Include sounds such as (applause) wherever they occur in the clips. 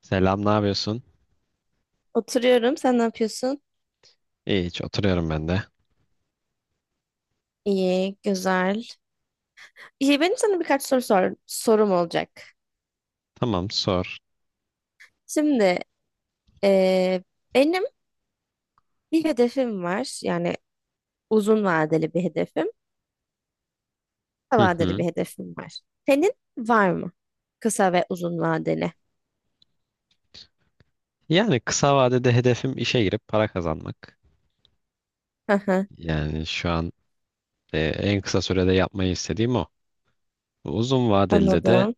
Selam, ne yapıyorsun? Oturuyorum. Sen ne yapıyorsun? İyi, hiç oturuyorum ben de. İyi, güzel. İyi, benim sana birkaç sorum olacak. Tamam, sor. Şimdi eee, benim bir hedefim var. Yani uzun vadeli bir hedefim, kısa Hı vadeli hı. bir hedefim var. Senin var mı? Kısa ve uzun vadeli. Yani kısa vadede hedefim işe girip para kazanmak. Hı hı, Yani şu an en kısa sürede yapmayı istediğim o. Uzun vadeli de Anladım,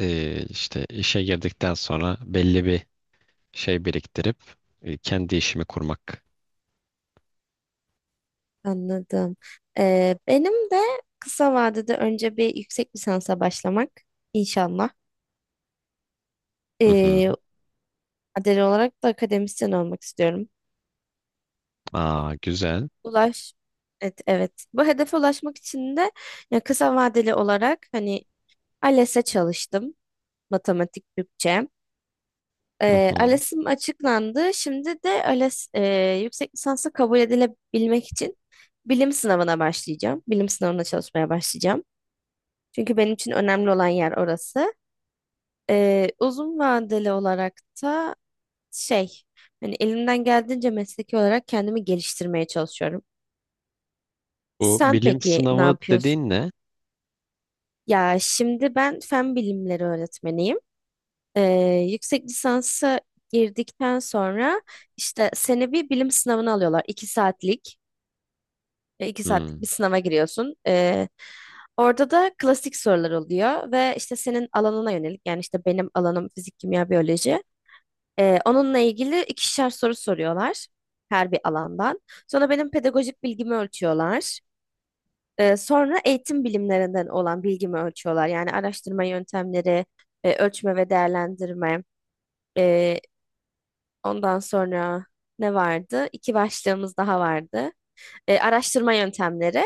işte işe girdikten sonra belli bir şey biriktirip kendi işimi kurmak. anladım. Benim de kısa vadede önce bir yüksek lisansa başlamak inşallah. Hı hı. Eee vadeli olarak da akademisyen olmak istiyorum. Aa, güzel. Ulaş. Evet, evet. Bu hedefe ulaşmak için de ya kısa vadeli olarak hani ALES'e çalıştım. Matematik Türkçe. Hı hı. ALES'im açıklandı. Şimdi de ALES yüksek lisansa kabul edilebilmek için bilim sınavına başlayacağım. Bilim sınavına çalışmaya başlayacağım. Çünkü benim için önemli olan yer orası. Uzun vadeli olarak da şey hani elimden geldiğince mesleki olarak kendimi geliştirmeye çalışıyorum. Bu Sen bilim peki ne sınavı yapıyorsun? dediğin ne? Ya şimdi ben fen bilimleri öğretmeniyim. Ee, yüksek lisansa girdikten sonra işte seni bir bilim sınavına alıyorlar. İki Hı. saatlik bir sınava giriyorsun. Orada da klasik sorular oluyor ve işte senin alanına yönelik yani işte benim alanım fizik, kimya, biyoloji. Onunla ilgili ikişer soru soruyorlar her bir alandan. Sonra benim pedagojik bilgimi ölçüyorlar. Sonra eğitim bilimlerinden olan bilgimi ölçüyorlar. Yani araştırma yöntemleri, ölçme ve değerlendirme. E, ondan sonra ne vardı? İki başlığımız daha vardı. Araştırma yöntemleri.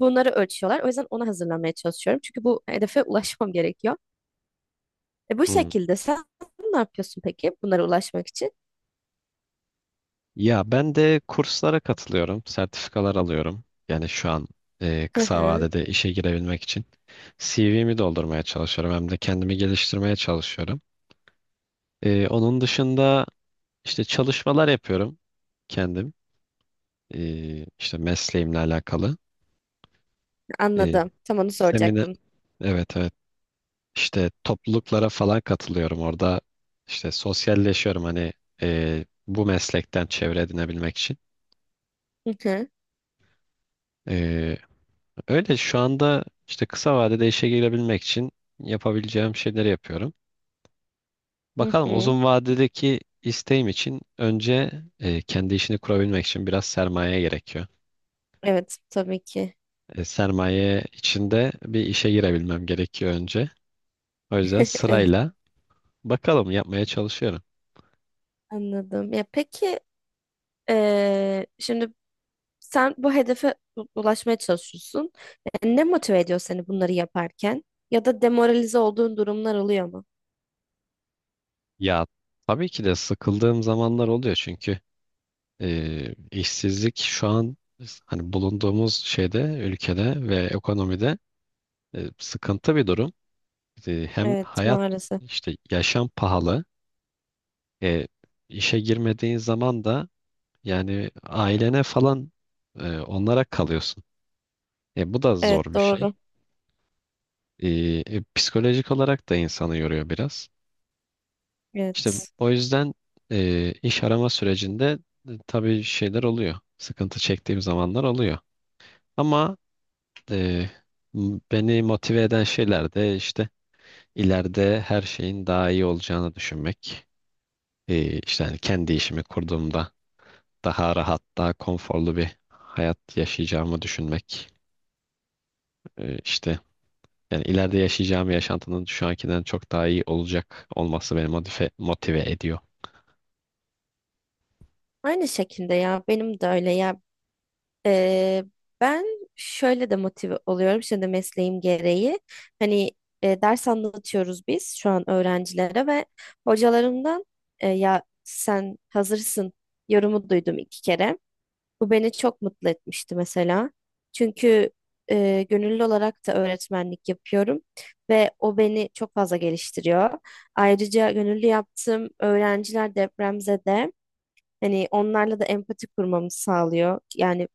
Bunları ölçüyorlar. O yüzden onu hazırlamaya çalışıyorum. Çünkü bu hedefe (laughs) ulaşmam gerekiyor. Bu Hı. şekilde sen ne yapıyorsun peki bunlara ulaşmak için? Ya ben de kurslara katılıyorum, sertifikalar alıyorum. Yani şu an (laughs) Hı kısa hı, vadede işe girebilmek için CV'mi doldurmaya çalışıyorum hem de kendimi geliştirmeye çalışıyorum. Onun dışında işte çalışmalar yapıyorum kendim, işte mesleğimle alakalı. E, anladım. Tam onu Seminer, soracaktım. evet evet. İşte topluluklara falan katılıyorum orada. İşte sosyalleşiyorum hani bu meslekten çevre edinebilmek için. Hı hı, Öyle şu anda işte kısa vadede işe girebilmek için yapabileceğim şeyleri yapıyorum. hı Bakalım hı. uzun vadedeki isteğim için önce kendi işini kurabilmek için biraz sermaye gerekiyor. Evet, tabii ki. Sermaye içinde bir işe girebilmem gerekiyor önce. O yüzden (laughs) Evet, sırayla bakalım yapmaya çalışıyorum. anladım. Ya peki şimdi Sen ulaşmaya çalışıyorsun. Ne motive ediyor seni bunları yaparken? Ya da demoralize olduğun durumlar oluyor mu? Ya tabii ki de sıkıldığım zamanlar oluyor çünkü işsizlik şu an hani bulunduğumuz şeyde ülkede ve ekonomide sıkıntı bir durum. Hem Evet, hayat maalesef. işte yaşam pahalı. E, işe girmediğin zaman da yani ailene falan onlara kalıyorsun. Bu da zor Evet, bir şey. doğru. E, Psikolojik olarak da insanı yoruyor biraz. İşte Evet. o yüzden iş arama sürecinde tabii şeyler oluyor. Sıkıntı çektiğim zamanlar oluyor. Ama e, beni motive eden şeyler de işte ileride her şeyin daha iyi olacağını düşünmek. İşte hani kendi işimi kurduğumda daha rahat, daha konforlu bir hayat yaşayacağımı düşünmek. İşte yani ileride yaşayacağım yaşantının şu ankinden çok daha iyi olacak olması beni motive ediyor. Aynı şekilde ya benim de öyle ya. E, ben şöyle de motive oluyorum şimdi mesleğim gereği. Hani ders anlatıyoruz biz şu an öğrencilere ve hocalarımdan ya sen hazırsın yorumu duydum iki kere. Bu beni çok mutlu etmişti mesela. Çünkü gönüllü olarak da öğretmenlik yapıyorum ve o beni çok fazla geliştiriyor. Ayrıca gönüllü yaptığım öğrenciler depremzede hani onlarla da empati kurmamı sağlıyor. Yani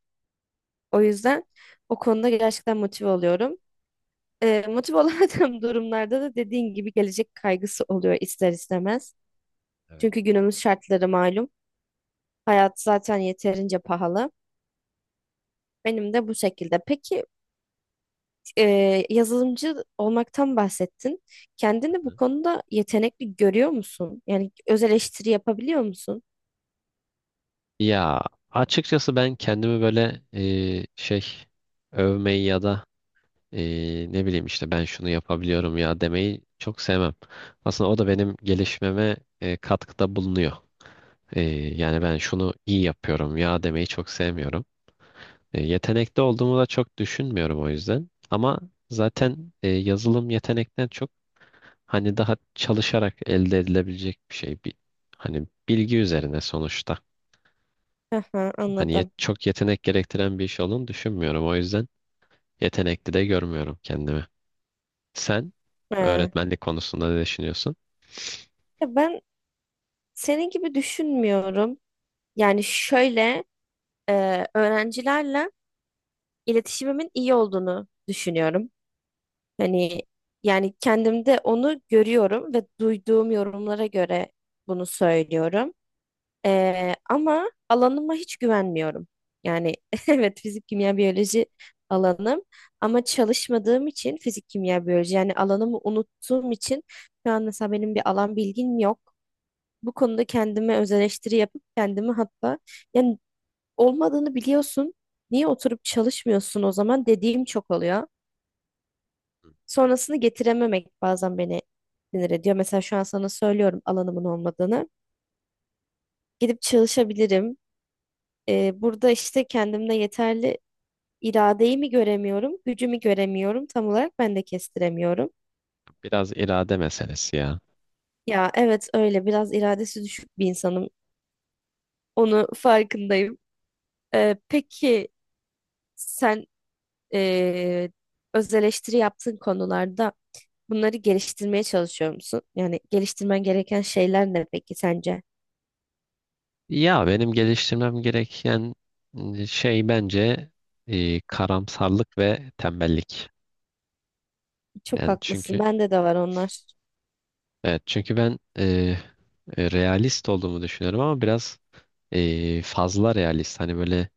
o yüzden o konuda gerçekten motive oluyorum. Motive olamadığım (laughs) durumlarda da dediğin gibi gelecek kaygısı oluyor ister istemez. Evet. Çünkü günümüz şartları malum. Hayat zaten yeterince pahalı. Benim de bu şekilde. Peki yazılımcı olmaktan bahsettin. Kendini bu Hı. konuda yetenekli görüyor musun? Yani öz eleştiri yapabiliyor musun? Ya açıkçası ben kendimi böyle şey övmeyi ya da e, ne bileyim işte ben şunu yapabiliyorum ya demeyi çok sevmem. Aslında o da benim gelişmeme katkıda bulunuyor. Ee, Yani ben şunu iyi yapıyorum ya demeyi çok sevmiyorum. Yetenekli olduğumu da çok düşünmüyorum o yüzden. Ama zaten yazılım yetenekten çok hani daha çalışarak elde edilebilecek bir şey. Bir, hani bilgi üzerine sonuçta. Aha, anladım. Çok yetenek gerektiren bir iş olduğunu düşünmüyorum. O yüzden yetenekli de görmüyorum kendimi. Sen He. öğretmenlik konusunda ne düşünüyorsun? Ya ben senin gibi düşünmüyorum. Yani şöyle öğrencilerle iletişimimin iyi olduğunu düşünüyorum. Hani yani kendimde onu görüyorum ve duyduğum yorumlara göre bunu söylüyorum. Ama alanıma hiç güvenmiyorum. Yani (laughs) evet fizik, kimya, biyoloji alanım ama çalışmadığım için fizik, kimya, biyoloji yani alanımı unuttuğum için şu an mesela benim bir alan bilgim yok. Bu konuda kendime öz eleştiri yapıp kendimi hatta yani olmadığını biliyorsun. Niye oturup çalışmıyorsun o zaman dediğim çok oluyor. Sonrasını getirememek bazen beni sinir ediyor. Mesela şu an sana söylüyorum alanımın olmadığını. Gidip çalışabilirim. Burada işte kendimde yeterli iradeyi mi göremiyorum, gücümü göremiyorum. Tam olarak ben de kestiremiyorum. Biraz irade meselesi ya. Ya evet öyle biraz iradesi düşük bir insanım. Onu farkındayım. Peki sen ee, öz eleştiri yaptığın konularda bunları geliştirmeye çalışıyor musun? Yani geliştirmen gereken şeyler ne peki sence? Ya benim geliştirmem gereken şey bence karamsarlık ve tembellik. Çok Yani haklısın. çünkü Bende de var onlar. evet çünkü ben realist olduğumu düşünüyorum ama biraz fazla realist. Hani böyle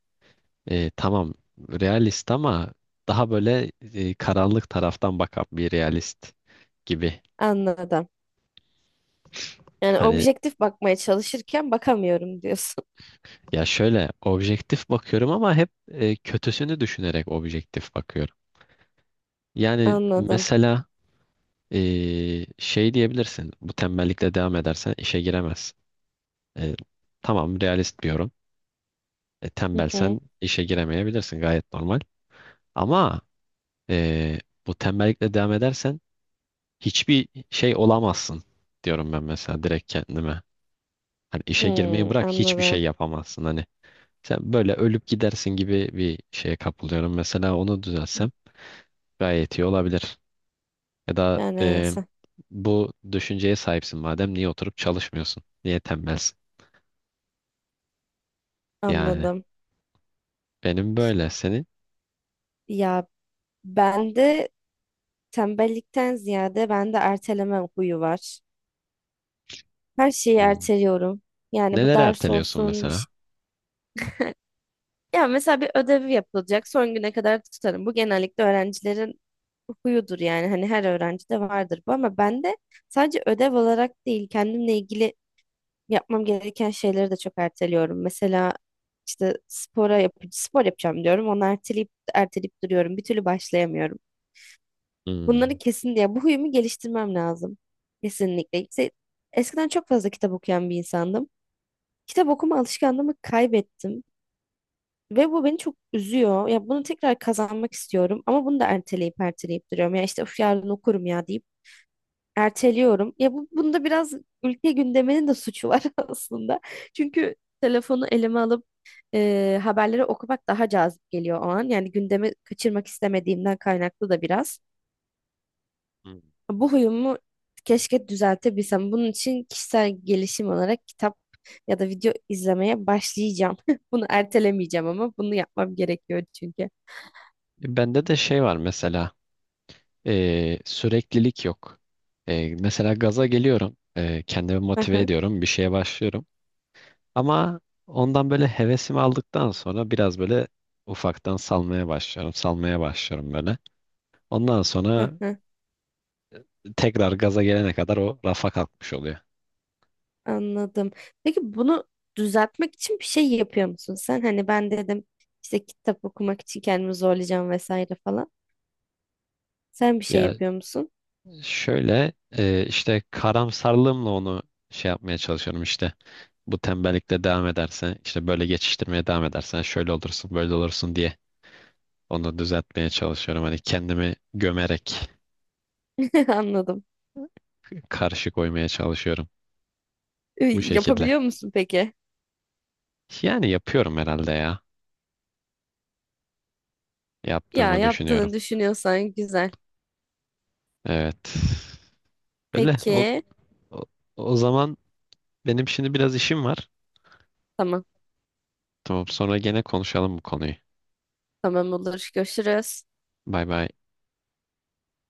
tamam realist ama daha böyle karanlık taraftan bakan bir realist gibi. Anladım. Yani Hani objektif bakmaya çalışırken bakamıyorum diyorsun. ya şöyle objektif bakıyorum ama hep kötüsünü düşünerek objektif bakıyorum. (laughs) Yani Anladım. mesela şey diyebilirsin. Bu tembellikle devam edersen işe giremezsin. Ee, tamam realist bir yorum. Hı Tembelsen hı. işe giremeyebilirsin gayet normal. Ama ee, bu tembellikle devam edersen hiçbir şey olamazsın diyorum ben mesela direkt kendime. Hani işe girmeyi Hmm, bırak hiçbir şey anladım. yapamazsın hani. Sen böyle ölüp gidersin gibi bir şeye kapılıyorum. Mesela onu düzelsem gayet iyi olabilir. Ya da Yani sen- bu düşünceye sahipsin madem niye oturup çalışmıyorsun? Niye tembelsin? Yani anladım. benim böyle senin. Ya ben de tembellikten ziyade bende erteleme huyu var. Her şeyi Hmm. erteliyorum. Yani bu Neler ders erteliyorsun olsun bir mesela? şey. Ya mesela bir ödevi yapılacak son güne kadar tutarım. Bu genellikle öğrencilerin huyudur yani. Hani her öğrencide vardır bu ama bende sadece ödev olarak değil kendimle ilgili yapmam gereken şeyleri de çok erteliyorum. Mesela işte spor yapacağım diyorum. Onu erteleyip erteleyip duruyorum. Bir türlü başlayamıyorum. Bunları Hmm. kesin diye bu huyumu geliştirmem lazım. Kesinlikle. İşte eskiden çok fazla kitap okuyan bir insandım. Kitap okuma alışkanlığımı kaybettim ve bu beni çok üzüyor. Ya bunu tekrar kazanmak istiyorum ama bunu da erteleyip erteleyip duruyorum. Ya işte of yarın okurum ya deyip erteliyorum. Ya bunda biraz ülke gündeminin de suçu var (laughs) aslında. Çünkü telefonu elime alıp haberleri okumak daha cazip geliyor o an. Yani gündemi kaçırmak istemediğimden kaynaklı da biraz. Hmm. Bu huyumu keşke düzeltebilsem. Bunun için kişisel gelişim olarak kitap ya da video izlemeye başlayacağım. (laughs) Bunu ertelemeyeceğim ama bunu yapmam gerekiyor çünkü. Bende de şey var mesela süreklilik yok. Mesela gaza geliyorum. Kendimi motive ediyorum. Bir şeye başlıyorum. Ama ondan böyle hevesimi aldıktan sonra biraz böyle ufaktan salmaya başlıyorum. Salmaya başlıyorum böyle. Ondan sonra (laughs) tekrar gaza gelene kadar o rafa kalkmış oluyor. Anladım. Peki bunu düzeltmek için bir şey yapıyor musun sen? Hani ben dedim işte kitap okumak için kendimi zorlayacağım vesaire falan. Sen bir şey Ya yapıyor musun? şöyle işte karamsarlığımla onu şey yapmaya çalışıyorum işte. Bu tembellikle devam edersen işte böyle geçiştirmeye devam edersen şöyle olursun böyle olursun diye onu düzeltmeye çalışıyorum. Hani kendimi gömerek (laughs) Anladım. karşı koymaya çalışıyorum bu şekilde. Yapabiliyor musun peki? Yani yapıyorum herhalde ya. Ya Yaptığımı düşünüyorum. yaptığını düşünüyorsan güzel. Evet. Öyle. Peki. o, o zaman benim şimdi biraz işim var. Tamam. Tamam sonra gene konuşalım bu konuyu. Tamam olur. Görüşürüz. Bay bay.